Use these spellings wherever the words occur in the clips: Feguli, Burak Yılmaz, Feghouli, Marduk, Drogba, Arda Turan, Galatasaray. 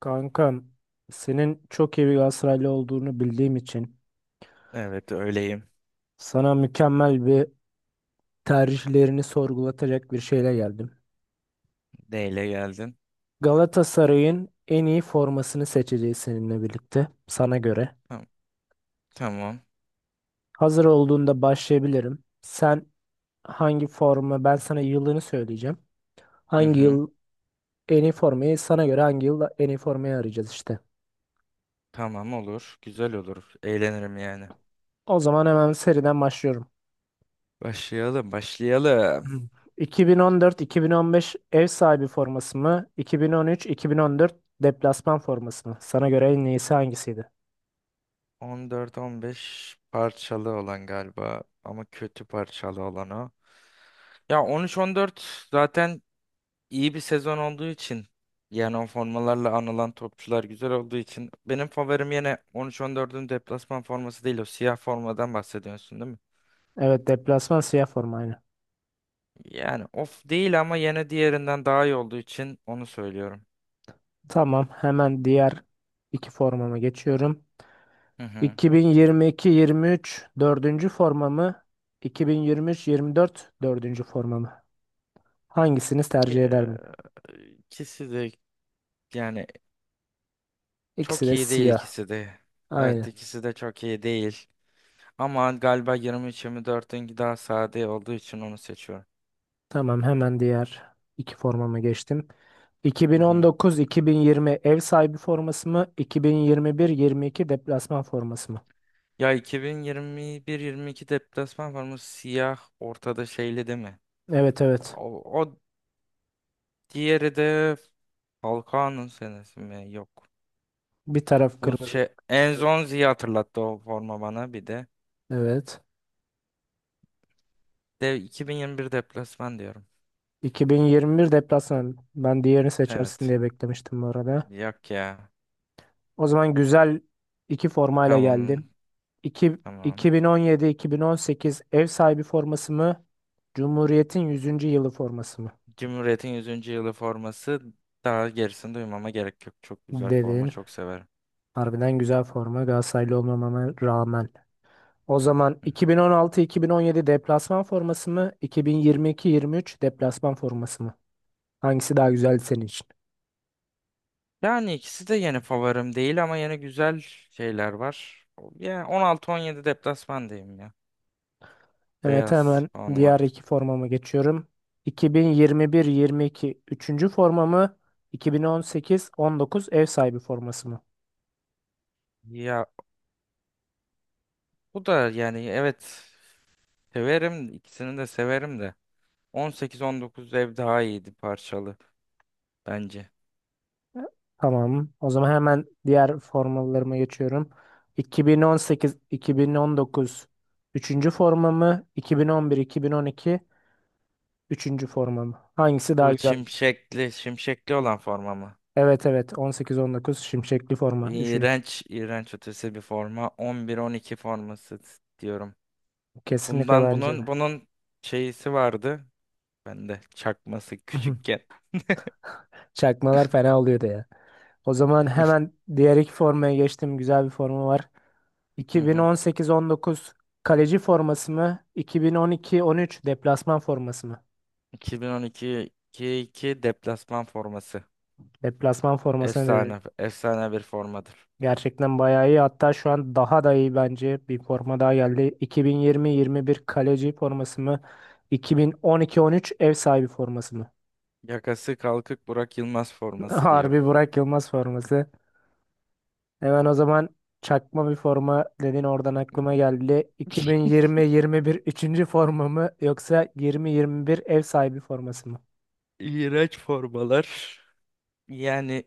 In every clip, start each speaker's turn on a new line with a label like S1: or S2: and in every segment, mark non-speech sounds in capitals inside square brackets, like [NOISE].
S1: Kankam, senin çok iyi bir Galatasaraylı olduğunu bildiğim için
S2: Evet öyleyim.
S1: sana mükemmel bir tercihlerini sorgulatacak bir şeyle geldim.
S2: D ile geldin.
S1: Galatasaray'ın en iyi formasını seçeceğiz seninle birlikte sana göre.
S2: Tamam. Tamam.
S1: Hazır olduğunda başlayabilirim. Sen hangi forma ben sana yılını söyleyeceğim.
S2: Hı
S1: Hangi
S2: hı.
S1: yıl hangi yıl en iyi formayı arayacağız işte.
S2: Tamam olur. Güzel olur. Eğlenirim yani.
S1: O zaman hemen seriden başlıyorum.
S2: Başlayalım, başlayalım.
S1: Hmm. 2014-2015 ev sahibi forması mı? 2013-2014 deplasman forması mı? Sana göre en iyisi hangisiydi?
S2: 14-15 parçalı olan galiba ama kötü parçalı olan o. Ya 13-14 zaten iyi bir sezon olduğu için yani o formalarla anılan topçular güzel olduğu için benim favorim yine 13-14'ün deplasman forması, değil o siyah formadan bahsediyorsun değil mi?
S1: Evet, deplasman siyah forma aynı.
S2: Yani of değil ama yine diğerinden daha iyi olduğu için onu söylüyorum.
S1: Tamam, hemen diğer iki formama geçiyorum.
S2: Hı hı.
S1: 2022-23 dördüncü forma mı? 2023-24 dördüncü forma mı? Hangisini tercih
S2: Ee,
S1: ederdin?
S2: İkisi de yani
S1: İkisi
S2: çok
S1: de
S2: iyi değil
S1: siyah.
S2: ikisi de. Evet
S1: Aynı.
S2: ikisi de çok iyi değil. Ama galiba 23-24'ünki daha sade olduğu için onu seçiyorum.
S1: Tamam, hemen diğer iki formama geçtim.
S2: Hı hı.
S1: 2019-2020 ev sahibi forması mı? 2021-22 deplasman forması mı?
S2: Ya 2021-22 deplasman var mı? Siyah ortada şeyli değil mi?
S1: Evet, evet.
S2: O, diğeri de Falcao'nun senesi mi? Yok.
S1: Bir taraf
S2: Bu
S1: kırmızı.
S2: şey Enzonzi'yi hatırlattı o forma bana bir de.
S1: Evet.
S2: De 2021 deplasman diyorum.
S1: 2021 deplasman. Ben diğerini seçersin
S2: Evet.
S1: diye beklemiştim bu arada.
S2: Yok ya.
S1: O zaman güzel iki formayla
S2: Tamam.
S1: geldim. İki-
S2: Tamam.
S1: 2017-2018 ev sahibi forması mı? Cumhuriyet'in yüzüncü yılı forması mı?
S2: Cumhuriyet'in 100. yılı forması, daha gerisini duymama gerek yok. Çok güzel forma.
S1: Dedin.
S2: Çok severim.
S1: Harbiden güzel forma Galatasaraylı olmamama rağmen. O zaman
S2: Hı hı.
S1: 2016-2017 deplasman forması mı? 2022-23 deplasman forması mı? Hangisi daha güzeldi senin için?
S2: Yani ikisi de yeni favorim değil ama yeni güzel şeyler var. Yani 16-17 deplasman diyeyim ya.
S1: Evet,
S2: Beyaz
S1: hemen
S2: forma.
S1: diğer iki formama geçiyorum. 2021-22 üçüncü forma mı? 2018-19 ev sahibi forması mı?
S2: Ya bu da yani evet severim. İkisini de severim de. 18-19 ev daha iyiydi parçalı bence.
S1: Tamam. O zaman hemen diğer formalarıma geçiyorum. 2018-2019 üçüncü forma mı? 2011-2012 üçüncü forma mı? Hangisi daha
S2: Bu
S1: güzel?
S2: şimşekli, şimşekli olan forma mı?
S1: Evet, evet, 18-19 şimşekli forma. Üçüncü.
S2: İğrenç, iğrenç ötesi bir forma. 11-12 forması diyorum.
S1: Kesinlikle
S2: Bundan
S1: bence
S2: bunun
S1: de.
S2: bunun şeysi vardı. Bende çakması
S1: [LAUGHS]
S2: küçükken.
S1: Çakmalar fena oluyordu ya. O zaman hemen diğer iki formaya geçtim. Güzel bir forma var.
S2: Hı
S1: iki bin
S2: hı.
S1: on sekiz on dokuz kaleci forması mı? 2012-13 deplasman forması mı?
S2: 2012-2 deplasman forması.
S1: Deplasman formasını dedi.
S2: Efsane, efsane bir formadır.
S1: Gerçekten bayağı iyi. Hatta şu an daha da iyi bence. Bir forma daha geldi. 2020-21 kaleci forması mı? İki bin on iki on üç ev sahibi forması mı?
S2: Yakası kalkık Burak Yılmaz
S1: [LAUGHS]
S2: forması diyorum.
S1: Harbi Burak Yılmaz forması. Hemen o zaman çakma bir forma dedin oradan aklıma geldi. 2020-21 üçüncü forma mı yoksa 20-21 ev sahibi forması mı?
S2: İğrenç formalar. Yani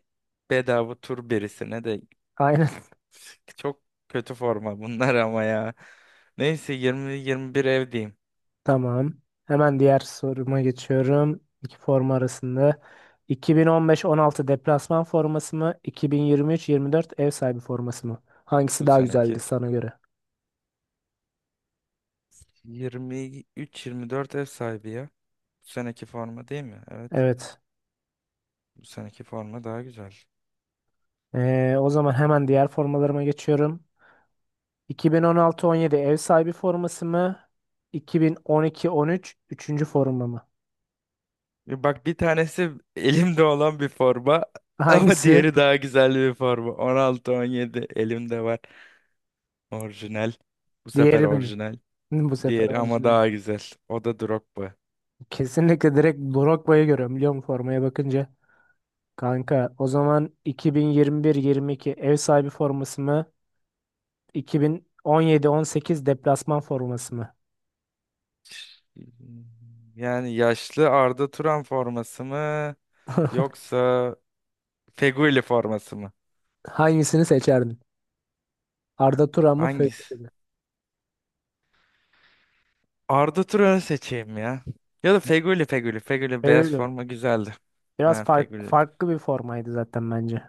S2: bedava tur birisine de.
S1: Aynen.
S2: [LAUGHS] Çok kötü forma bunlar ama ya. Neyse 20-21 ev diyeyim.
S1: [LAUGHS] Tamam. Hemen diğer soruma geçiyorum. İki forma arasında. 2015-16 deplasman forması mı? 2023-24 ev sahibi forması mı? Hangisi
S2: Bu
S1: daha güzeldi
S2: seneki
S1: sana göre?
S2: 23-24 ev sahibi ya. Bu seneki forma değil mi? Evet.
S1: Evet.
S2: Bu seneki forma daha güzel.
S1: O zaman hemen diğer formalarıma geçiyorum. 2016-17 ev sahibi forması mı? 2012-13 üçüncü forma mı?
S2: E, bak, bir tanesi elimde olan bir forma
S1: [LAUGHS]
S2: [LAUGHS] ama
S1: Hangisi?
S2: diğeri daha güzel bir forma. 16-17 elimde var. Orijinal. Bu sefer
S1: Diğeri mi?
S2: orijinal.
S1: Hı, bu sefer
S2: Diğeri ama
S1: orijinal.
S2: daha güzel. O da Drogba.
S1: Kesinlikle direkt Drogba'yı görüyorum biliyor musun formaya bakınca. Kanka, o zaman 2021-22 ev sahibi forması mı? 2017-18 deplasman forması mı?
S2: Yani yaşlı Arda Turan forması mı?
S1: [LAUGHS]
S2: Yoksa Feguli forması mı?
S1: Hangisini seçerdin? Arda Turan mı?
S2: Hangisi?
S1: Feghouli mi?
S2: Arda Turan'ı seçeyim ya. Ya da Feguli, Feguli. Feguli beyaz
S1: Feghouli.
S2: forma güzeldi.
S1: Biraz
S2: Ben Feguli.
S1: farklı bir formaydı zaten bence.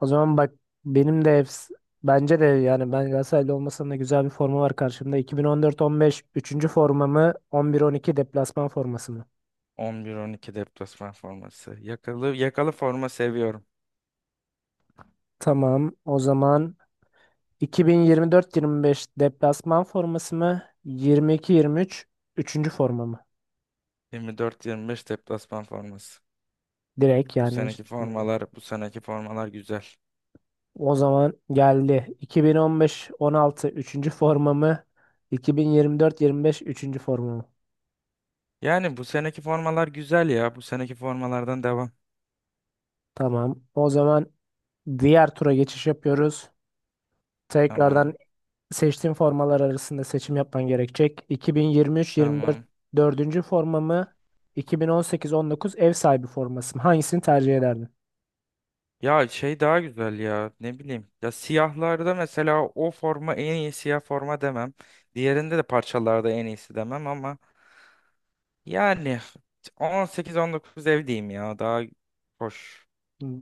S1: O zaman bak, benim de efs- bence de yani ben Galatasaraylı olmasam da güzel bir forma var karşımda. 2014-15 üçüncü formamı 11-12 deplasman forması mı?
S2: 11-12 deplasman forması. Yakalı, yakalı forma seviyorum.
S1: Tamam. O zaman 2024-25 deplasman forması mı? 22-23 üçüncü forma mı?
S2: 24-25 deplasman forması.
S1: Direkt
S2: Bu
S1: yani, hiç
S2: seneki
S1: düşünmedim.
S2: formalar, bu seneki formalar güzel.
S1: O zaman geldi. 2015-16 üçüncü forma mı? 2024-25 üçüncü forma mı?
S2: Yani bu seneki formalar güzel ya. Bu seneki formalardan devam.
S1: Tamam. O zaman diğer tura geçiş yapıyoruz.
S2: Tamam.
S1: Tekrardan seçtiğim formalar arasında seçim yapman gerekecek. 2023-24
S2: Tamam.
S1: dördüncü formamı 2018-19 ev sahibi forması mı? Hangisini tercih ederdin?
S2: Ya şey daha güzel ya, ne bileyim. Ya siyahlarda mesela o forma en iyi siyah forma demem. Diğerinde de parçalarda en iyisi demem ama yani 18-19 ev diyeyim ya, daha hoş.
S1: Hmm,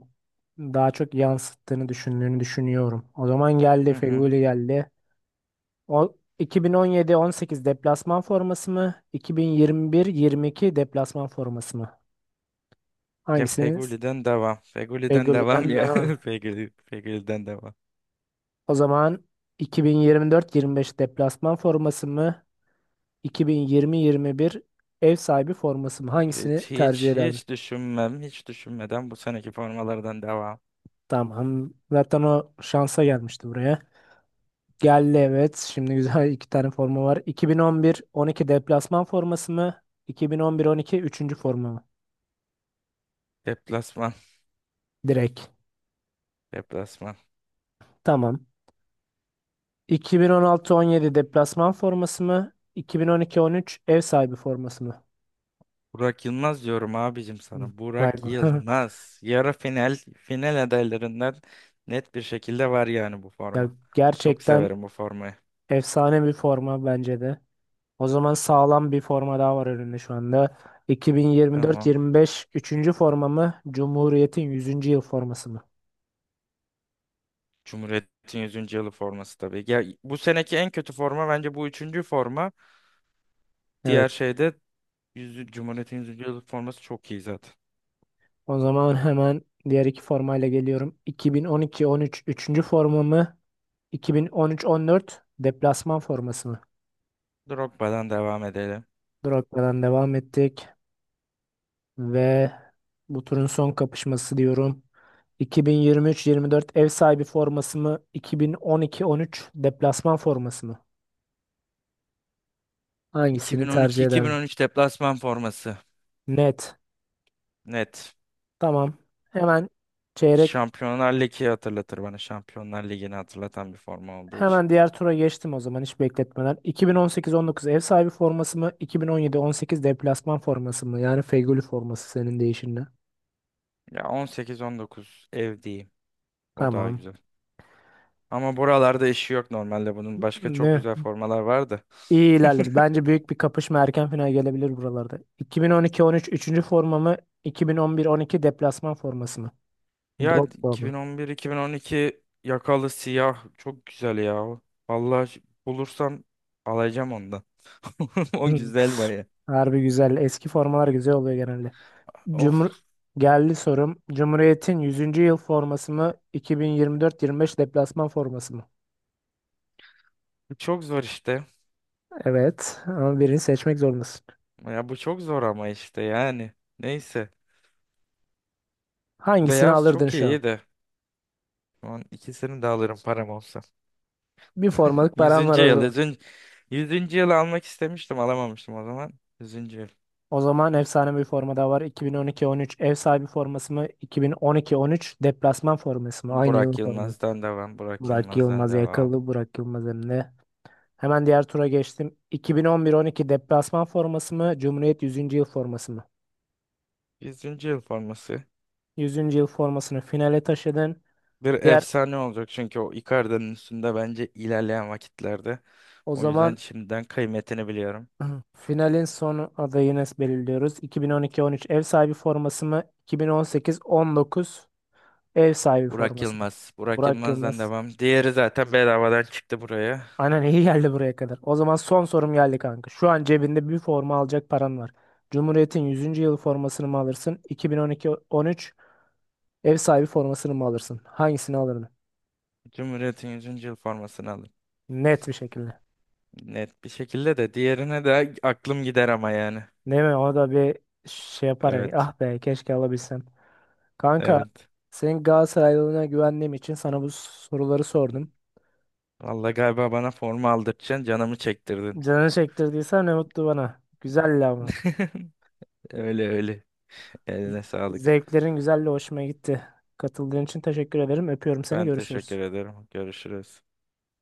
S1: Daha çok yansıttığını düşündüğünü düşünüyorum. O zaman geldi,
S2: Hı hı.
S1: Feghouli geldi. O 2017-18 deplasman forması mı? 2021-22 deplasman forması mı?
S2: Ya
S1: Hangisiniz?
S2: Feguli'den devam. Feguli'den
S1: Hangisini
S2: devam
S1: ne?
S2: ya. [LAUGHS] Feguli, Feguli'den devam.
S1: O zaman 2024-25 deplasman forması mı? 2020-21 ev sahibi forması mı? Hangisini tercih ederdin?
S2: Hiç düşünmem. Hiç düşünmeden bu seneki formalardan devam.
S1: Tamam. Zaten o şansa gelmişti buraya. Geldi evet. Şimdi güzel [LAUGHS] iki tane forma var. 2011-12 deplasman forması mı? 2011-12 üçüncü forma mı?
S2: Deplasman.
S1: Direkt.
S2: Deplasman.
S1: Tamam. 2016-17 deplasman forması mı? 2012-13 ev sahibi forması mı?
S2: Burak Yılmaz diyorum abicim
S1: Hı.
S2: sana.
S1: Vay
S2: Burak
S1: be. [LAUGHS]
S2: Yılmaz. Yarı final final adaylarından net bir şekilde var yani bu
S1: Ya,
S2: forma. Çok
S1: gerçekten
S2: severim bu formayı.
S1: efsane bir forma bence de. O zaman sağlam bir forma daha var önünde şu anda.
S2: Tamam.
S1: 2024-25 üçüncü forma mı? Cumhuriyet'in yüzüncü yıl forması mı?
S2: Cumhuriyet'in yüzüncü yılı forması tabii. Ya, bu seneki en kötü forma bence bu üçüncü forma. Diğer
S1: Evet.
S2: şeyde 100, Cumhuriyet'in yüzüncü yılı forması çok iyi zaten.
S1: O zaman [LAUGHS] hemen diğer iki formayla geliyorum. 2012-13 üçüncü forma mı? 2013-14 deplasman forması mı?
S2: Drogba'dan devam edelim.
S1: Drogba'dan devam ettik ve bu turun son kapışması diyorum. 2023-24 ev sahibi forması mı? 2012-13 deplasman forması mı? Hangisini tercih ederdin?
S2: 2012-2013 deplasman forması.
S1: Net.
S2: Net.
S1: Tamam. Hemen çeyrek
S2: Şampiyonlar Ligi hatırlatır bana. Şampiyonlar Ligi'ni hatırlatan bir forma olduğu için.
S1: hemen diğer tura geçtim o zaman hiç bekletmeden. 2018-19 ev sahibi forması mı? 2017-18 deplasman forması mı? Yani Fegüli forması senin değişinle.
S2: Ya on sekiz on dokuz ev diyeyim. O daha
S1: Tamam.
S2: güzel. Ama buralarda işi yok normalde bunun. Başka çok
S1: Ne?
S2: güzel formalar vardı.
S1: İyi ilerledi. Bence büyük bir kapışma, erken final gelebilir buralarda. 2012-13 üçüncü forma mı? 2011-12 deplasman forması mı?
S2: Ya
S1: Drogba mı?
S2: 2011-2012 yakalı siyah çok güzel ya. Vallahi bulursam alacağım ondan. [LAUGHS] O
S1: Hı.
S2: güzel baya.
S1: Harbi güzel. Eski formalar güzel oluyor genelde. Cumhur
S2: Of,
S1: geldi sorum. Cumhuriyet'in yüzüncü yıl forması mı? 2024-25 deplasman forması mı?
S2: bu çok zor işte.
S1: Evet. Ama birini seçmek zorundasın.
S2: Ya bu çok zor ama işte yani. Neyse.
S1: Hangisini
S2: Beyaz
S1: alırdın
S2: çok
S1: şu an?
S2: iyi de. Şu an ikisini de alırım param olsa.
S1: Bir
S2: [LAUGHS]
S1: formalık paran var
S2: Yüzüncü
S1: o
S2: yıl.
S1: zaman.
S2: 100. yüzüncü yılı almak istemiştim, alamamıştım o zaman. Yüzüncü yıl.
S1: O zaman efsane bir forma da var. 2012-13 ev sahibi forması mı? 2012-13 deplasman forması mı? Aynı yılın
S2: Burak
S1: forması.
S2: Yılmaz'dan devam. Burak
S1: Burak
S2: Yılmaz'dan
S1: Yılmaz
S2: devam.
S1: yakalı. Burak Yılmaz önünde. Hemen diğer tura geçtim. 2011-12 deplasman forması mı? Cumhuriyet yüzüncü yıl forması mı?
S2: Yüzüncü yıl forması.
S1: Yüzüncü yıl formasını finale taşıdın.
S2: Bir
S1: Diğer
S2: efsane olacak çünkü o Icardi'nin üstünde bence ilerleyen vakitlerde.
S1: O
S2: O yüzden
S1: zaman
S2: şimdiden kıymetini biliyorum.
S1: [CLEARS THROAT] finalin son adayını belirliyoruz. 2012-13 ev sahibi forması mı? 2018-19 ev sahibi
S2: Burak
S1: forması mı?
S2: Yılmaz. Burak
S1: Burak
S2: Yılmaz'dan
S1: Yılmaz.
S2: devam. Diğeri zaten bedavadan çıktı buraya.
S1: Aynen, iyi geldi buraya kadar. O zaman son sorum geldi kanka. Şu an cebinde bir forma alacak paran var. Cumhuriyet'in yüzüncü yılı formasını mı alırsın? 2012-13 ev sahibi formasını mı alırsın? Hangisini alırdın?
S2: Cumhuriyet'in yüzüncü yıl formasını alın.
S1: Net bir şekilde.
S2: Net bir şekilde, de diğerine de aklım gider ama yani.
S1: Değil mi? O da bir şey yapar ya.
S2: Evet.
S1: Ah be, keşke alabilsem. Kanka,
S2: Evet.
S1: senin Galatasaraylılığına güvendiğim için sana bu soruları sordum.
S2: Vallahi galiba bana forma aldırtacaksın, canımı çektirdin.
S1: Canını çektirdiysen ne mutlu bana. Güzeldi ama.
S2: [LAUGHS] Öyle öyle. Eline sağlık.
S1: Zevklerin güzeldi, hoşuma gitti. Katıldığın için teşekkür ederim. Öpüyorum seni.
S2: Ben
S1: Görüşürüz.
S2: teşekkür ederim. Görüşürüz.